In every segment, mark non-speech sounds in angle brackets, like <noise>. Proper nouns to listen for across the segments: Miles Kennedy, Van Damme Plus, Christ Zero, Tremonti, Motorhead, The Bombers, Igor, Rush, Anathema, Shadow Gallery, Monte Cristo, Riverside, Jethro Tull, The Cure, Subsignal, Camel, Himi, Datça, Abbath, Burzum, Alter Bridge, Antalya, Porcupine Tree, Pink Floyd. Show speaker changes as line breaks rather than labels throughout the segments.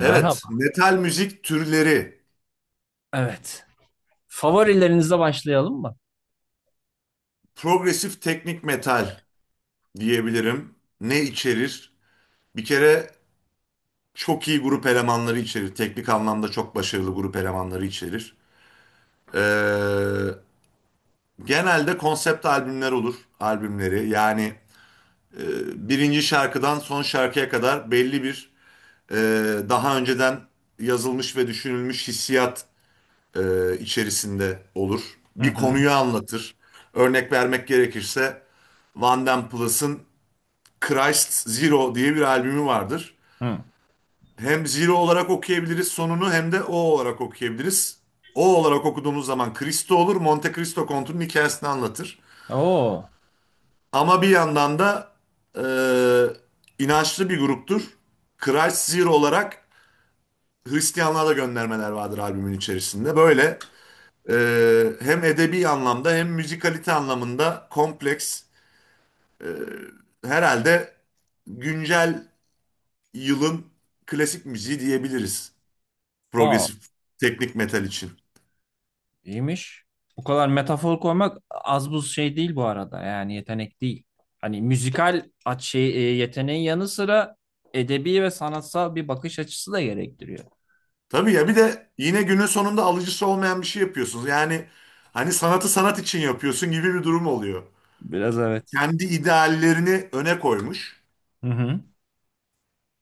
Evet, metal müzik türleri.
Evet. Favorilerinizle başlayalım mı?
Progresif teknik metal diyebilirim. Ne içerir? Bir kere çok iyi grup elemanları içerir. Teknik anlamda çok başarılı grup elemanları içerir. Ee, Genelde konsept albümler olur, albümleri. Yani e, birinci şarkıdan son şarkıya kadar belli bir e, daha önceden yazılmış ve düşünülmüş hissiyat içerisinde olur.
Hı
Bir
hı.
konuyu anlatır. Örnek vermek gerekirse Van Damme Plus'ın Christ Zero diye bir albümü vardır.
Hı.
Hem Zero olarak okuyabiliriz sonunu hem de O olarak okuyabiliriz. O olarak okuduğumuz zaman Cristo olur. Monte Cristo Kontu'nun hikayesini anlatır.
Oo,
Ama bir yandan da e, inançlı bir gruptur. Christ Zero olarak Hristiyanlığa da göndermeler vardır albümün içerisinde. Böyle. Hem edebi anlamda hem müzikalite anlamında kompleks. e, Herhalde güncel yılın klasik müziği diyebiliriz.
wow,
Progresif teknik metal için.
iyiymiş. Bu kadar metafor koymak az buz şey değil bu arada. Yani yetenek değil. Hani müzikal aç şey, yeteneğin yanı sıra edebi ve sanatsal bir bakış açısı da gerektiriyor.
Tabii ya, bir de yine günün sonunda alıcısı olmayan bir şey yapıyorsunuz. Yani hani sanatı sanat için yapıyorsun gibi bir durum oluyor.
Biraz evet.
Kendi ideallerini öne koymuş.
Hı hı.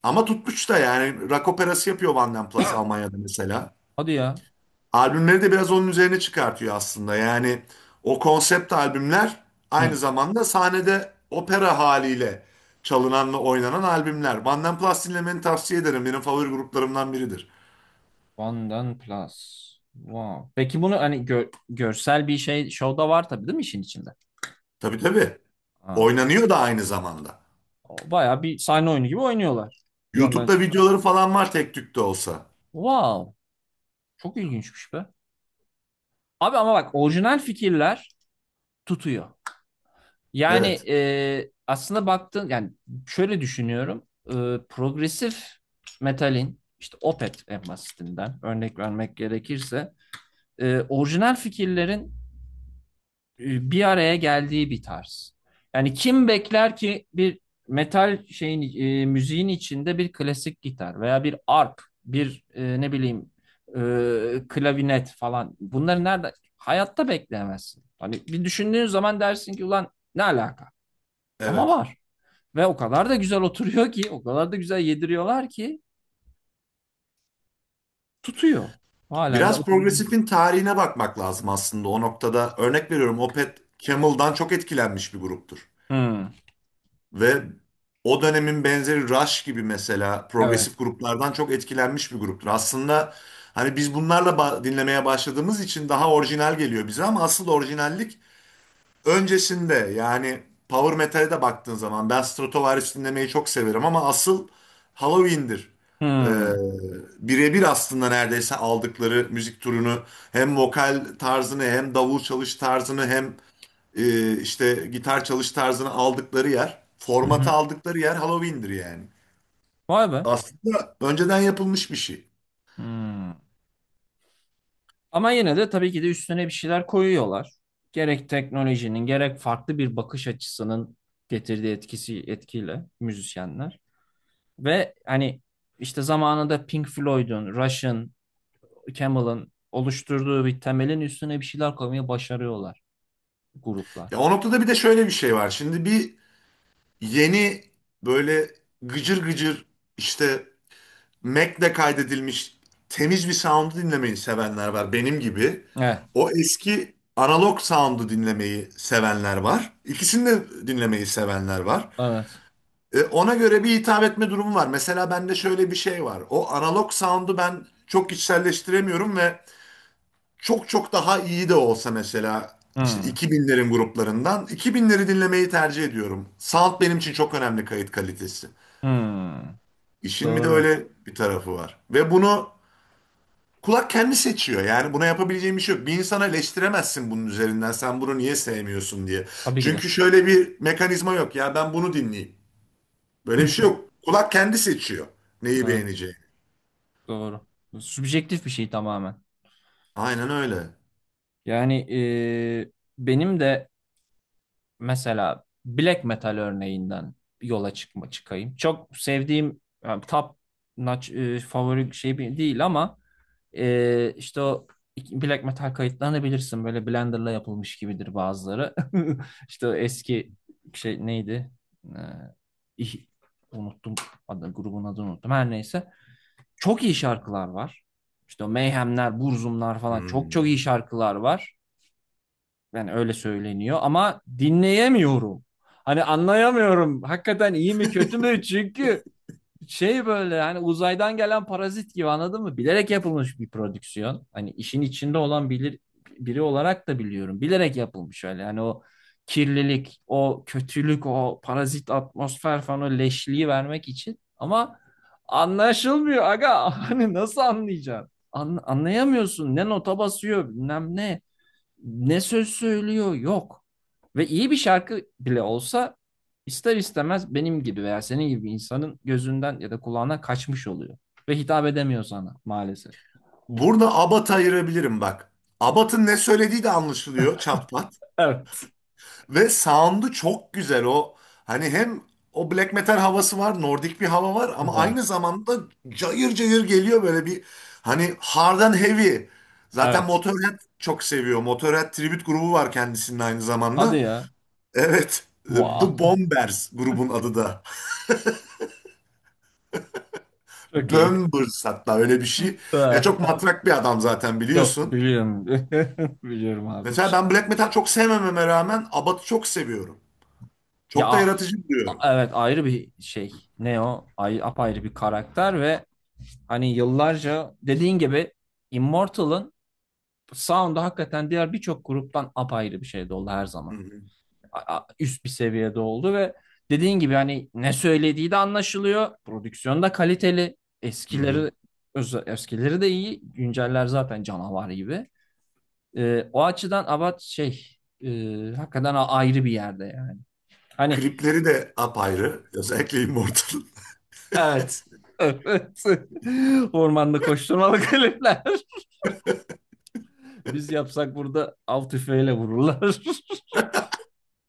Ama tutmuş da, yani rock operası yapıyor Vanden Plas Almanya'da mesela.
Hadi ya.
Albümleri de biraz onun üzerine çıkartıyor aslında. Yani o konsept albümler aynı
Hı.
zamanda sahnede opera haliyle çalınan ve oynanan albümler. Banden Plus dinlemeni tavsiye ederim. Benim favori gruplarımdan biridir.
Ondan plus. Wow. Peki bunu hani görsel bir şey şovda var tabii değil mi işin içinde?
Tabii, tabii.
Aa,
Oynanıyor da aynı zamanda.
o bayağı bir sahne oyunu gibi oynuyorlar. Bir yandan.
YouTube'da videoları falan var tek tük de olsa.
Wow. Çok ilginçmiş be. Abi ama bak orijinal fikirler tutuyor. Yani
Evet,
aslında baktığın yani şöyle düşünüyorum. Progresif metalin işte Opeth en basitinden örnek vermek gerekirse orijinal fikirlerin bir araya geldiği bir tarz. Yani kim bekler ki bir metal şeyin müziğin içinde bir klasik gitar veya bir arp, bir ne bileyim klavinet falan. Bunları nerede? Hayatta bekleyemezsin. Hani bir düşündüğün zaman dersin ki ulan ne alaka? Ama
evet.
var. Ve o kadar da güzel oturuyor ki, o kadar da güzel yediriyorlar ki tutuyor. Halen de
Biraz
oturuyor.
progresifin tarihine bakmak lazım aslında o noktada. Örnek veriyorum, Opeth Camel'dan çok etkilenmiş bir gruptur.
Hmm,
Ve o dönemin benzeri Rush gibi mesela
evet.
progresif gruplardan çok etkilenmiş bir gruptur. Aslında hani biz bunlarla dinlemeye başladığımız için daha orijinal geliyor bize ama asıl orijinallik öncesinde. Yani power metal'e de baktığın zaman ben Stratovarius dinlemeyi çok severim ama asıl Halloween'dir. Ee,
Hmm.
Birebir aslında neredeyse aldıkları müzik türünü hem vokal tarzını hem davul çalış tarzını hem işte gitar çalış tarzını aldıkları yer,
Hı
formatı
hı.
aldıkları yer Halloween'dir yani.
Vay be.
Aslında önceden yapılmış bir şey.
Hmm. Ama yine de tabii ki de üstüne bir şeyler koyuyorlar. Gerek teknolojinin gerek farklı bir bakış açısının getirdiği etkisi etkiyle müzisyenler. Ve hani işte zamanında Pink Floyd'un, Rush'ın, Camel'ın oluşturduğu bir temelin üstüne bir şeyler koymayı başarıyorlar gruplar.
Ya, o noktada bir de şöyle bir şey var. Şimdi bir yeni, böyle gıcır gıcır, işte Mac'le kaydedilmiş temiz bir sound'u dinlemeyi sevenler var benim gibi.
Evet.
O eski analog sound'u dinlemeyi sevenler var. İkisini de dinlemeyi sevenler var.
Evet.
E, ona göre bir hitap etme durumu var. Mesela bende şöyle bir şey var. O analog sound'u ben çok içselleştiremiyorum ve çok çok daha iyi de olsa mesela işte
Hmm.
2000'lerin gruplarından 2000'leri dinlemeyi tercih ediyorum. Sound benim için çok önemli, kayıt kalitesi.
Hmm.
İşin bir de
Doğru.
öyle bir tarafı var. Ve bunu kulak kendi seçiyor. Yani buna yapabileceğim bir şey yok. Bir insana eleştiremezsin bunun üzerinden. Sen bunu niye sevmiyorsun diye.
Tabii ki de.
Çünkü şöyle bir mekanizma yok. Ya ben bunu dinleyeyim. Böyle bir şey
<laughs>
yok. Kulak kendi seçiyor neyi
Evet,
beğeneceğini.
doğru. Subjektif bir şey tamamen.
Aynen öyle.
Yani e, benim de mesela black metal örneğinden yola çıkayım. Çok sevdiğim yani top notch, favori şey değil ama işte o black metal kayıtlarını bilirsin. Böyle Blender'la yapılmış gibidir bazıları. <laughs> İşte o eski şey neydi? Ee, ih- unuttum adı, grubun adını unuttum. Her neyse. Çok iyi şarkılar var. İşte o Mayhemler, Burzumlar falan çok çok iyi
Hmm.
şarkılar var. Yani öyle söyleniyor ama dinleyemiyorum. Hani anlayamıyorum. Hakikaten iyi mi kötü mü? Çünkü şey böyle hani uzaydan gelen parazit gibi anladın mı? Bilerek yapılmış bir prodüksiyon. Hani işin içinde olan bilir, biri olarak da biliyorum. Bilerek yapılmış öyle. Yani o kirlilik, o kötülük, o parazit atmosfer falan o leşliği vermek için. Ama anlaşılmıyor aga. <laughs> Hani nasıl anlayacaksın? Anlayamıyorsun. Ne nota basıyor bilmem ne ne söz söylüyor yok. Ve iyi bir şarkı bile olsa ister istemez benim gibi veya senin gibi insanın gözünden ya da kulağına kaçmış oluyor. Ve hitap edemiyor sana maalesef.
Burada Abat ayırabilirim bak. Abat'ın ne söylediği de anlaşılıyor çatpat.
Evet.
Ve sound'u çok güzel o. Hani hem o black metal havası var, nordik bir hava var ama
Var.
aynı zamanda cayır cayır geliyor, böyle bir hani hard and heavy. Zaten
Evet.
Motorhead çok seviyor. Motorhead tribute grubu var kendisinin aynı
Hadi
zamanda.
ya.
Evet. The
Wow.
Bombers grubun adı da.
<laughs> Çok iyi.
Bombers hatta öyle bir şey. Ya çok
<laughs>
matrak bir adam zaten
Çok
biliyorsun.
biliyorum. <laughs> Biliyorum abi.
Mesela ben black metal çok sevmememe rağmen Abbath'ı çok seviyorum.
Ya
Çok da yaratıcı buluyorum.
evet ayrı bir şey. Ne o? Ay, apayrı bir karakter ve hani yıllarca dediğin gibi Immortal'ın Sound'u hakikaten diğer birçok gruptan apayrı bir şeyde oldu her
Hı
zaman.
hı,
Üst bir seviyede oldu ve dediğin gibi hani ne söylediği de anlaşılıyor. Prodüksiyon da kaliteli.
hı hı.
Eskileri de iyi. Günceller zaten canavar gibi. O açıdan Abat şey e, hakikaten ayrı bir yerde yani. Hani
Klipleri de apayrı. Özellikle Immortal.
evet, evet. <laughs> Ormanda koşturmalı klipler. <laughs> Biz yapsak burada av tüfeğiyle vururlar. <laughs>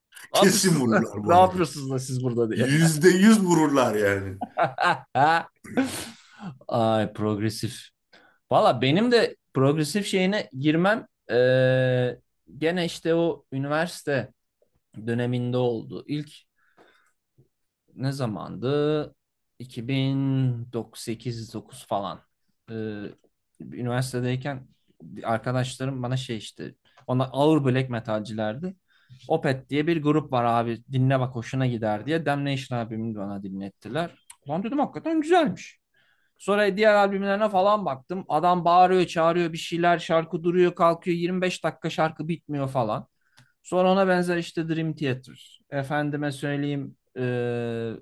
<laughs>
Ne
Kesin
yapıyorsunuz,
vururlar bu
ne
arada.
yapıyorsunuz da siz burada diye.
Yüzde yüz vururlar yani.
<laughs> Ay, progresif. Valla benim de progresif şeyine girmem gene işte o üniversite döneminde oldu. İlk ne zamandı? 2008-9 falan. Eee, üniversitedeyken arkadaşlarım bana şey işte ona ağır black metalcilerdi. Opet diye bir grup var abi dinle bak hoşuna gider diye Damnation abimi bana dinlettiler. Lan dedim hakikaten güzelmiş. Sonra diğer albümlerine falan baktım. Adam bağırıyor, çağırıyor bir şeyler, şarkı duruyor, kalkıyor. 25 dakika şarkı bitmiyor falan. Sonra ona benzer işte Dream Theater. Efendime söyleyeyim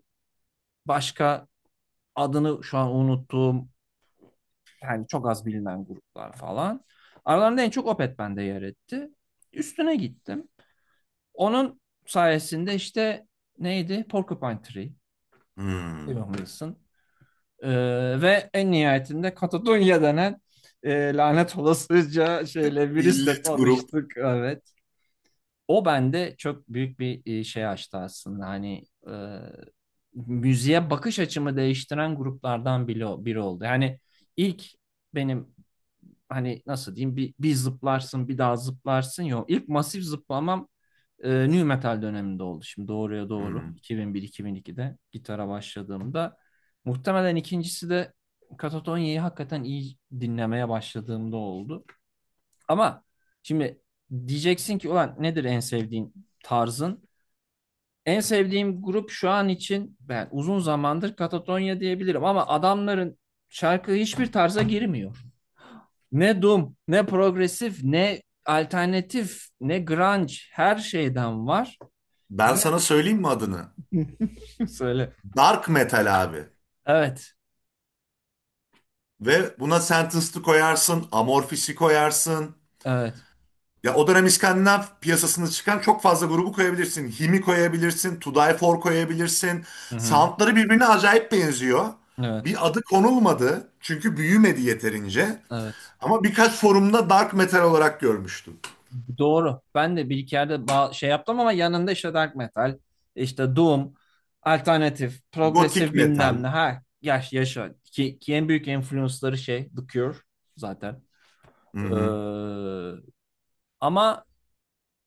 başka adını şu an unuttuğum yani çok az bilinen gruplar falan. Aralarında en çok Opeth bende yer etti. Üstüne gittim. Onun sayesinde işte neydi? Porcupine Tree,
Hmm.
Evan Wilson. Ee, ve en nihayetinde Katadunya denen lanet olasıca şeyle virüsle
İllet grup.
tanıştık. Evet. O bende çok büyük bir şey açtı aslında. Hani e, müziğe bakış açımı değiştiren gruplardan biri oldu. Yani ilk benim hani nasıl diyeyim bir zıplarsın bir daha zıplarsın yok. İlk masif zıplamam nu metal döneminde oldu. Şimdi doğruya doğru
Hmm.
2001-2002'de gitara başladığımda muhtemelen ikincisi de Katatonya'yı hakikaten iyi dinlemeye başladığımda oldu. Ama şimdi diyeceksin ki ulan nedir en sevdiğin tarzın? En sevdiğim grup şu an için ben uzun zamandır Katatonya diyebilirim ama adamların şarkı hiçbir tarza girmiyor. Ne doom, ne progresif, ne alternatif, ne grunge her şeyden var.
Ben
Ve
sana söyleyeyim mi adını?
<laughs> söyle.
Dark metal abi.
Evet,
Ve buna Sentenced'ı koyarsın, Amorphis'i koyarsın.
evet.
Ya o dönem İskandinav piyasasında çıkan çok fazla grubu koyabilirsin. Himi koyabilirsin, To Die For koyabilirsin.
Hı-hı.
Soundları birbirine acayip benziyor.
Evet,
Bir adı konulmadı çünkü büyümedi yeterince.
evet.
Ama birkaç forumda dark metal olarak görmüştüm.
Doğru. Ben de bir iki yerde şey yaptım ama yanında işte dark metal, işte doom, alternatif,
Gotik
progresif bilmem
metal.
ne. Ha, yaş yaşa. Ki en büyük influence'ları şey The Cure zaten.
Hı
Ee,
hı.
ama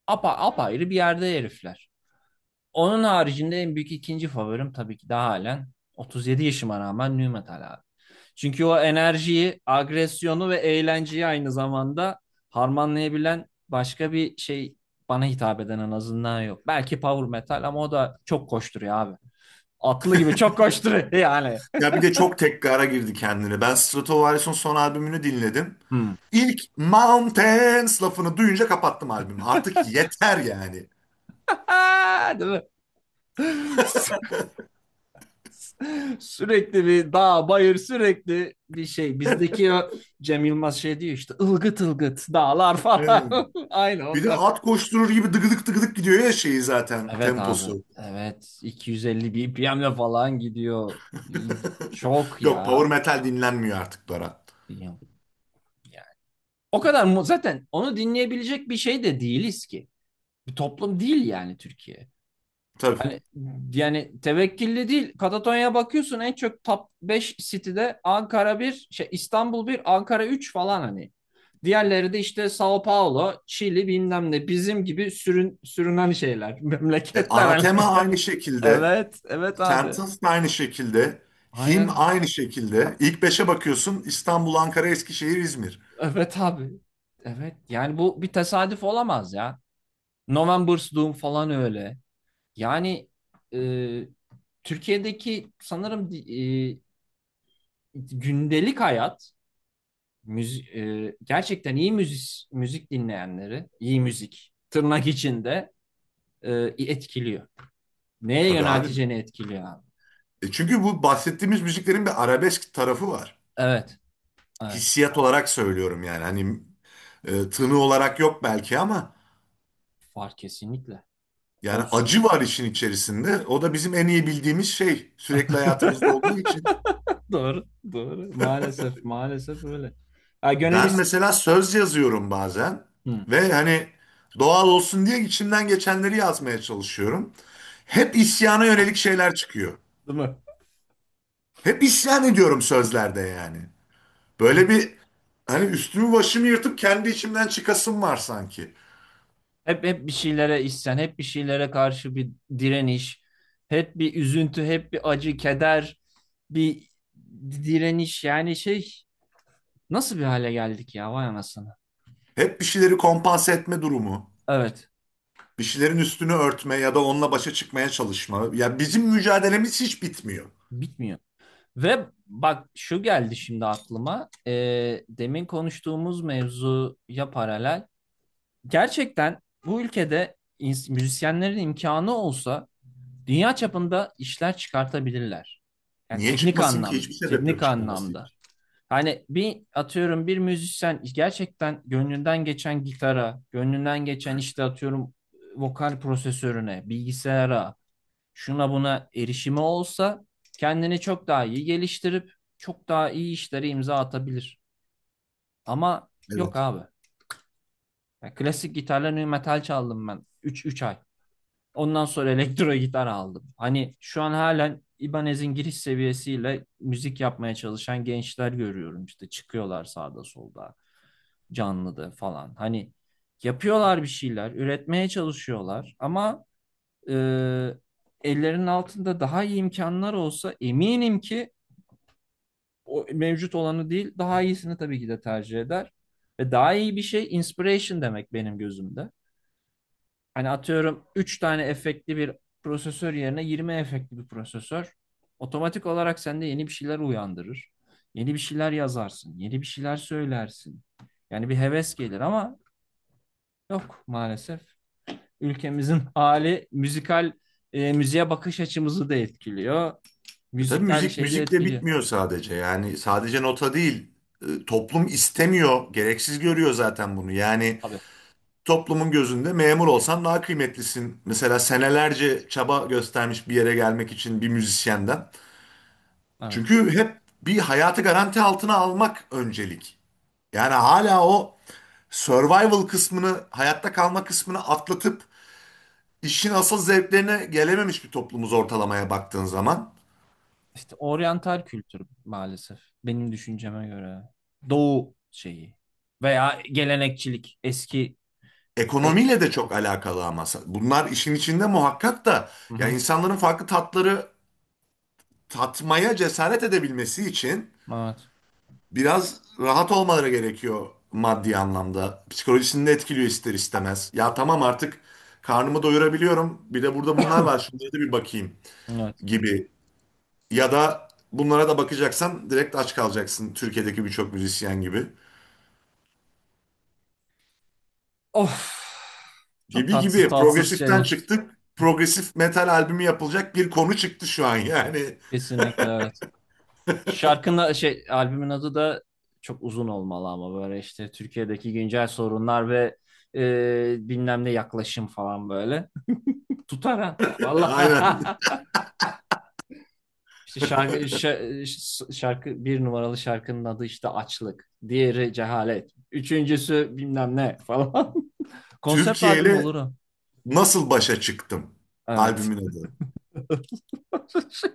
apa apayrı bir yerde herifler. Onun haricinde en büyük ikinci favorim tabii ki de halen 37 yaşıma rağmen nu metal abi. Çünkü o enerjiyi, agresyonu ve eğlenceyi aynı zamanda harmanlayabilen başka bir şey bana hitap eden en azından yok. Belki power metal ama o da çok koşturuyor abi. Atlı gibi çok koşturuyor yani.
Ya bir de çok tekrara girdi kendine. Ben Stratovarius'un son albümünü dinledim.
Hmm.
İlk Mountains lafını duyunca kapattım albümü. Artık yeter yani.
<laughs> Değil mi? <laughs> <laughs> Sürekli bir dağ, bayır, sürekli bir şey. Bizdeki o Cem Yılmaz şey diyor işte ılgıt ılgıt dağlar falan. <laughs> Aynı
Bir de
onlar.
at koşturur gibi dıgıdık dıgıdık gidiyor ya, şeyi zaten
Evet abi.
temposu.
Evet. 250 BPM'le falan gidiyor.
<laughs>
Çok
Yok,
ya.
power metal dinlenmiyor artık Berat.
Yani. O kadar mu zaten onu dinleyebilecek bir şey de değiliz ki. Bir toplum değil yani Türkiye.
Tabii.
Hani yani tevekkilli değil. Katatonya'ya bakıyorsun en çok top 5 City'de Ankara bir, şey İstanbul bir, Ankara 3 falan hani. Diğerleri de işte Sao Paulo, Çili bilmem ne bizim gibi sürünen şeyler, <laughs>
E,
memleketler hani.
Anathema aynı şekilde.
Evet, evet abi.
Sentence de aynı şekilde. Him
Aynen.
aynı şekilde. İlk beşe bakıyorsun İstanbul, Ankara, Eskişehir, İzmir.
Evet abi. Evet. Yani bu bir tesadüf olamaz ya. November's Doom falan öyle. Yani e, Türkiye'deki sanırım gündelik hayat müzi- gerçekten iyi müzik dinleyenleri, iyi müzik tırnak içinde e, etkiliyor. Neye
Tabii abi.
yönelteceğini etkiliyor abi.
E, çünkü bu bahsettiğimiz müziklerin bir arabesk tarafı var.
Evet, evet.
Hissiyat olarak söylüyorum yani. Hani tını olarak yok belki ama
Var kesinlikle.
yani
Olsun.
acı var işin içerisinde. O da bizim en iyi bildiğimiz şey, sürekli hayatımızda olduğu için.
<laughs> Doğru, doğru. Maalesef, maalesef öyle. Ha,
Ben mesela söz yazıyorum bazen,
hı.
ve hani doğal olsun diye içimden geçenleri yazmaya çalışıyorum. Hep isyana yönelik şeyler çıkıyor.
Değil mi?
Hep isyan ediyorum sözlerde yani. Böyle bir hani üstümü başımı yırtıp kendi içimden çıkasım var sanki.
Hep bir şeylere isyan, hep bir şeylere karşı bir direniş, hep bir üzüntü, hep bir acı, keder, bir direniş. Yani şey. Nasıl bir hale geldik ya, vay anasını.
Hep bir şeyleri kompanse etme durumu.
Evet,
Bir şeylerin üstünü örtme ya da onunla başa çıkmaya çalışma. Ya bizim mücadelemiz hiç bitmiyor.
bitmiyor. Ve bak şu geldi şimdi aklıma. Demin konuştuğumuz mevzuya paralel. Gerçekten bu ülkede müzisyenlerin imkanı olsa dünya çapında işler çıkartabilirler. Yani
Niye
teknik
çıkmasın ki?
anlamda,
Hiçbir sebep yok
teknik
çıkmaması
anlamda.
için.
Hani bir atıyorum bir müzisyen gerçekten gönlünden geçen gitara, gönlünden geçen işte atıyorum vokal prosesörüne, bilgisayara, şuna buna erişimi olsa kendini çok daha iyi geliştirip çok daha iyi işlere imza atabilir. Ama yok
Evet.
abi. Ya klasik gitarla nu metal çaldım ben üç ay. Ondan sonra <laughs> elektro gitar aldım. Hani şu an halen İbanez'in giriş seviyesiyle müzik yapmaya çalışan gençler görüyorum işte çıkıyorlar sağda solda canlıda falan. Hani yapıyorlar bir şeyler, üretmeye çalışıyorlar ama Ee, ellerinin altında daha iyi imkanlar olsa eminim ki o mevcut olanı değil daha iyisini tabii ki de tercih eder. Ve daha iyi bir şey inspiration demek benim gözümde. Hani atıyorum 3 tane efektli bir prosesör yerine 20 efektli bir prosesör otomatik olarak sende yeni bir şeyler uyandırır. Yeni bir şeyler yazarsın, yeni bir şeyler söylersin. Yani bir heves gelir ama yok maalesef. Ülkemizin <laughs> hali müzikal müziğe bakış açımızı da etkiliyor.
E tabii
Müzikal
müzik
şeyi de
müzikle
etkiliyor.
bitmiyor sadece. Yani sadece nota değil. E, toplum istemiyor, gereksiz görüyor zaten bunu. Yani
Tabii.
toplumun gözünde memur olsan daha kıymetlisin mesela, senelerce çaba göstermiş bir yere gelmek için bir müzisyenden.
Evet.
Çünkü hep bir hayatı garanti altına almak öncelik. Yani hala o survival kısmını, hayatta kalma kısmını atlatıp işin asıl zevklerine gelememiş bir toplumuz, ortalamaya baktığın zaman.
İşte oryantal kültür maalesef benim düşünceme göre. Doğu şeyi veya gelenekçilik eski e,
Ekonomiyle de çok alakalı ama bunlar işin içinde muhakkak da,
hı
ya
hı.
insanların farklı tatları tatmaya cesaret edebilmesi için
Evet.
biraz rahat olmaları gerekiyor maddi anlamda. Psikolojisini de etkiliyor ister istemez. Ya tamam, artık karnımı doyurabiliyorum. Bir de burada bunlar var.
<coughs>
Şunlara da bir bakayım
Evet.
gibi. Ya da bunlara da bakacaksan direkt aç kalacaksın Türkiye'deki birçok müzisyen gibi.
Of. Çok
Gibi
tatsız
gibi
tatsız
progresiften
şeyler.
çıktık. Progresif metal albümü yapılacak bir konu çıktı şu an yani.
Kesinlikle evet. Şarkının şey albümün adı da çok uzun olmalı ama böyle işte Türkiye'deki güncel sorunlar ve bilmem ne yaklaşım falan böyle. <laughs> Tutar ha.
Aynen.
Vallahi. <laughs> İşte şarkı bir numaralı şarkının adı işte Açlık. Diğeri Cehalet. Üçüncüsü bilmem ne falan. <laughs> Konsept
Türkiye
albüm olur
ile
o.
Nasıl Başa Çıktım
Evet.
albümün adı.
<laughs>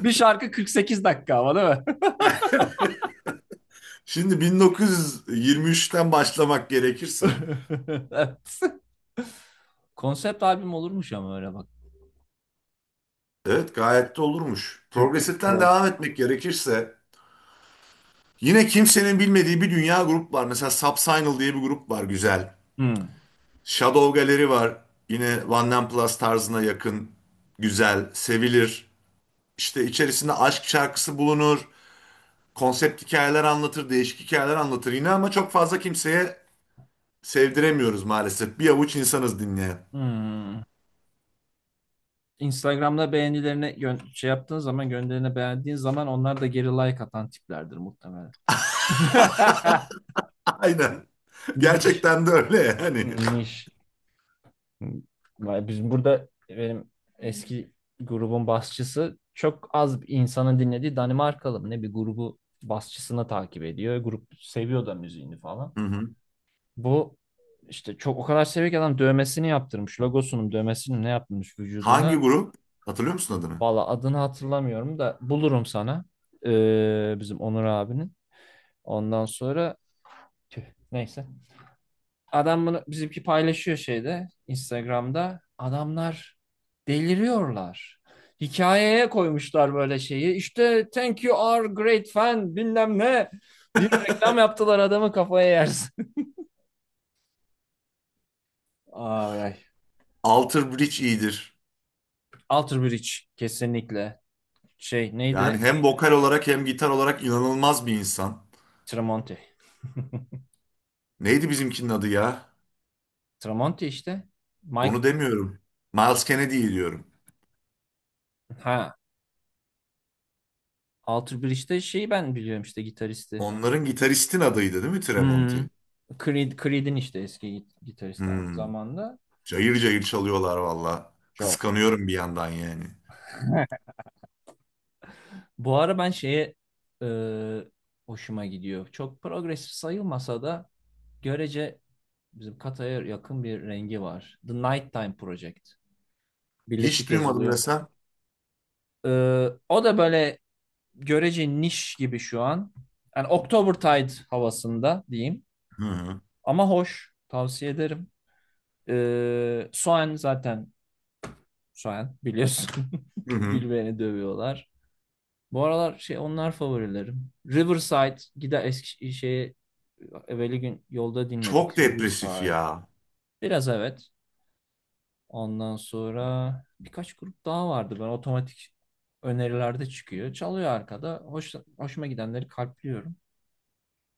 Bir şarkı 48 dakika ama değil mi?
<laughs> Şimdi 1923'ten başlamak gerekirse,
<laughs> Evet. Konsept albüm olurmuş ama öyle bak.
evet gayet de olurmuş.
Türk
Progresif'ten
prog.
devam etmek gerekirse, yine kimsenin bilmediği bir dünya grup var. Mesela Subsignal diye bir grup var, güzel.
Hmm.
Shadow Gallery var, yine Van Nine Plus tarzına yakın, güzel, sevilir. İşte içerisinde aşk şarkısı bulunur, konsept hikayeler anlatır, değişik hikayeler anlatır yine ama çok fazla kimseye sevdiremiyoruz maalesef. Bir avuç insanız dinleyen.
Hmm. Instagram'da beğenilerini şey yaptığın zaman gönderine beğendiğin zaman onlar da geri like atan tiplerdir muhtemelen. <laughs>
<laughs> Aynen.
Niş.
Gerçekten de öyle yani.
Niş. Vay, biz burada benim eski grubun basçısı çok az insanın dinlediği Danimarkalı mı ne bir grubu basçısını takip ediyor. Grup seviyor da müziğini falan.
Hı hı.
Bu işte çok o kadar seviyor ki adam dövmesini yaptırmış. Logosunun dövmesini ne yaptırmış
Hangi
vücuduna.
grup? Hatırlıyor musun adını?
Valla adını hatırlamıyorum da bulurum sana. Bizim Onur abinin. Ondan sonra tüh, neyse. Adam bunu bizimki paylaşıyor şeyde Instagram'da. Adamlar deliriyorlar. Hikayeye koymuşlar böyle şeyi. İşte thank you our great fan bilmem ne. Bir reklam yaptılar adamı kafaya yersin. <laughs> Ay ay.
Alter Bridge iyidir.
Alter Bridge kesinlikle. Şey
Yani
neydi?
hem vokal olarak hem gitar olarak inanılmaz bir insan.
Tramonte. <laughs>
Neydi bizimkinin adı ya?
Tramonte işte.
Onu
Mike
demiyorum. Miles Kennedy'yi diyorum.
ha. Alter Bridge'de şeyi ben biliyorum işte gitaristi.
Onların gitaristin adıydı değil mi,
Hmm.
Tremonti?
Creed, Creed'in işte eski gitaristi aynı
Hmm.
zamanda.
Cayır cayır çalıyorlar valla.
Çok.
Kıskanıyorum bir yandan yani.
Bu ara ben şeye e, hoşuma gidiyor. Çok progresif sayılmasa da görece bizim Kata'ya yakın bir rengi var. The Nighttime Project.
Hiç
Birleşik
duymadım
yazılıyor.
desem.
E, o da böyle görece niş gibi şu an. Yani Oktobertide havasında diyeyim.
Hı hı.
Ama hoş. Tavsiye ederim. Soen zaten Soen biliyorsun.
Hı
<laughs>
hı.
Bilmeyeni dövüyorlar. Bu aralar şey onlar favorilerim. Riverside gider eski şeyi evveli gün yolda
Çok
dinledik
depresif
Riverside.
ya.
Biraz evet. Ondan sonra birkaç grup daha vardı. Ben otomatik önerilerde çıkıyor. Çalıyor arkada. Hoş, hoşuma gidenleri kalpliyorum.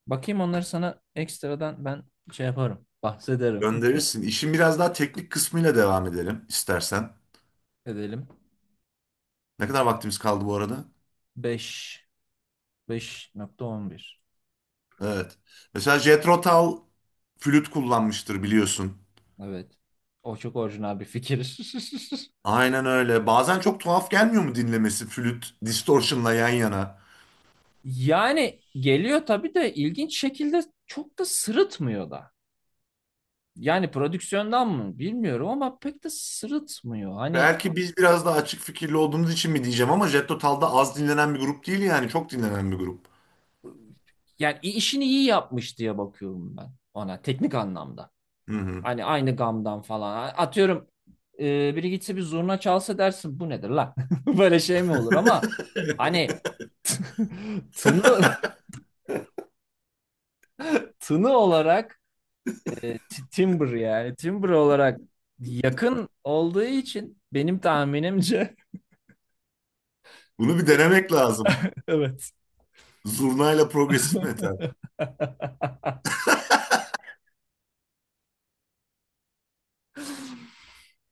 Bakayım onları sana ekstradan ben şey yaparım. Bahsederim. <laughs>
Gönderirsin. İşin biraz daha teknik kısmıyla devam edelim istersen.
Edelim.
Ne kadar vaktimiz kaldı bu arada?
Beş. Beş nokta on bir.
Evet. Mesela Jethro Tull flüt kullanmıştır biliyorsun.
Evet. O çok orijinal bir fikir. <laughs>
Aynen öyle. Bazen çok tuhaf gelmiyor mu dinlemesi, flüt distortion'la yan yana?
Yani geliyor tabii de ilginç şekilde çok da sırıtmıyor da. Yani prodüksiyondan mı bilmiyorum ama pek de sırıtmıyor. Hani
Belki biz biraz daha açık fikirli olduğumuz için mi diyeceğim ama Jethro Tull da az dinlenen bir grup değil, yani çok dinlenen bir grup.
yani işini iyi yapmış diye bakıyorum ben ona teknik anlamda.
Hı hı.
Hani aynı gamdan falan. Atıyorum biri gitse bir zurna çalsa dersin bu nedir lan? <laughs> Böyle şey mi olur ama
<laughs>
hani <laughs> tını tını olarak timbre yani timbre olarak yakın olduğu için benim tahminimce.
Bunu bir denemek lazım.
Evet.
Zurnayla progresif metal.
<laughs>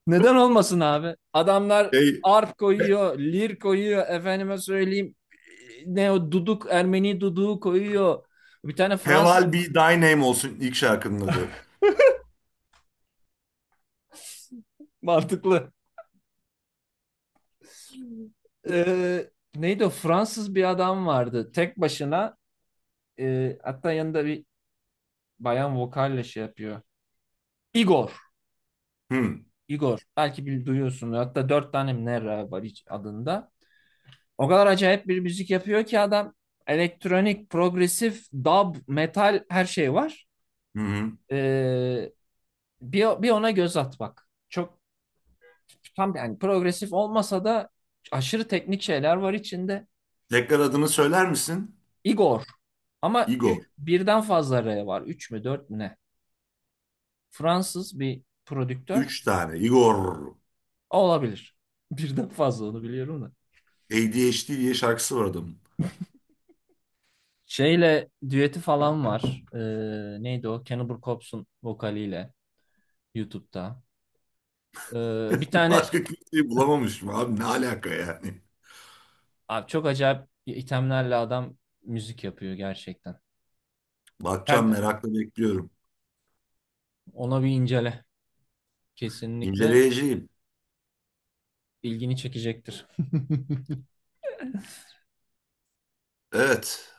Neden olmasın abi? Adamlar
Şey,
arp
He-
koyuyor, lir koyuyor, efendime söyleyeyim ne o duduk, Ermeni duduğu koyuyor. Bir tane Fransız
Heval Be Thy Name olsun ilk şarkının adı.
mantıklı. <laughs> Ee, neydi o? Fransız bir adam vardı. Tek başına hatta yanında bir bayan vokalle şey yapıyor. Igor.
Hmm.
Igor. Belki bir duyuyorsun. Hatta dört tane mi ne ra var hiç adında. O kadar acayip bir müzik yapıyor ki adam elektronik, progresif, dub, metal her şey var.
Hı hı.
Ee, bir ona göz at bak. Çok tam yani progresif olmasa da aşırı teknik şeyler var içinde.
Tekrar adını söyler misin?
Igor ama
Igor.
birden fazla R var. Üç mü dört mü ne? Fransız bir prodüktör
Üç tane. Igor.
olabilir. <laughs> Birden fazla onu biliyorum da.
ADHD diye şarkısı var adamın.
Şeyle düeti falan var. Neydi o? Cannibal Corpse'un vokaliyle YouTube'da. Bir
<laughs>
tane
Başka kimseyi bulamamışım abi. Ne alaka yani?
abi çok acayip itemlerle adam müzik yapıyor gerçekten.
Bakacağım,
Sen de
merakla bekliyorum.
ona bir incele. Kesinlikle
İnceleyeceğim.
ilgini çekecektir. <laughs>
Evet.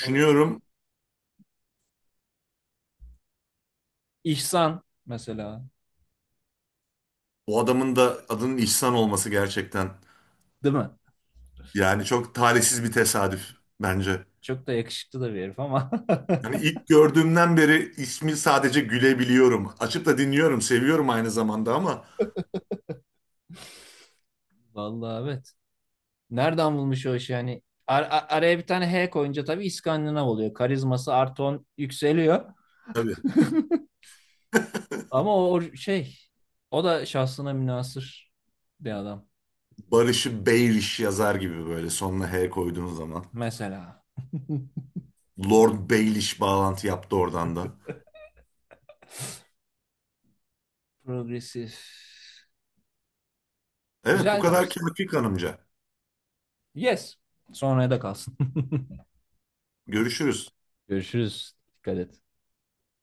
O İhsan mesela
Bu adamın da adının İhsan olması gerçekten.
değil mi?
Yani çok talihsiz bir tesadüf bence.
Çok da yakışıklı da bir herif ama.
Yani ilk gördüğümden beri ismi sadece gülebiliyorum. Açıp da dinliyorum, seviyorum aynı zamanda ama
<laughs> Vallahi evet. Nereden bulmuş o işi yani? Araya bir tane H koyunca tabii İskandinav oluyor. Karizması artı 10 yükseliyor.
tabii. <laughs>
Ama o da şahsına münhasır bir adam
Barış'ı Baelish yazar gibi, böyle sonuna H koyduğun zaman.
mesela. <laughs>
Lord Baelish bağlantı yaptı oradan da.
Progresif.
Evet, bu
Güzel
kadar
tarz.
kâfi kanımca.
Yes. Sonraya da kalsın.
Görüşürüz.
<laughs> Görüşürüz. Dikkat et.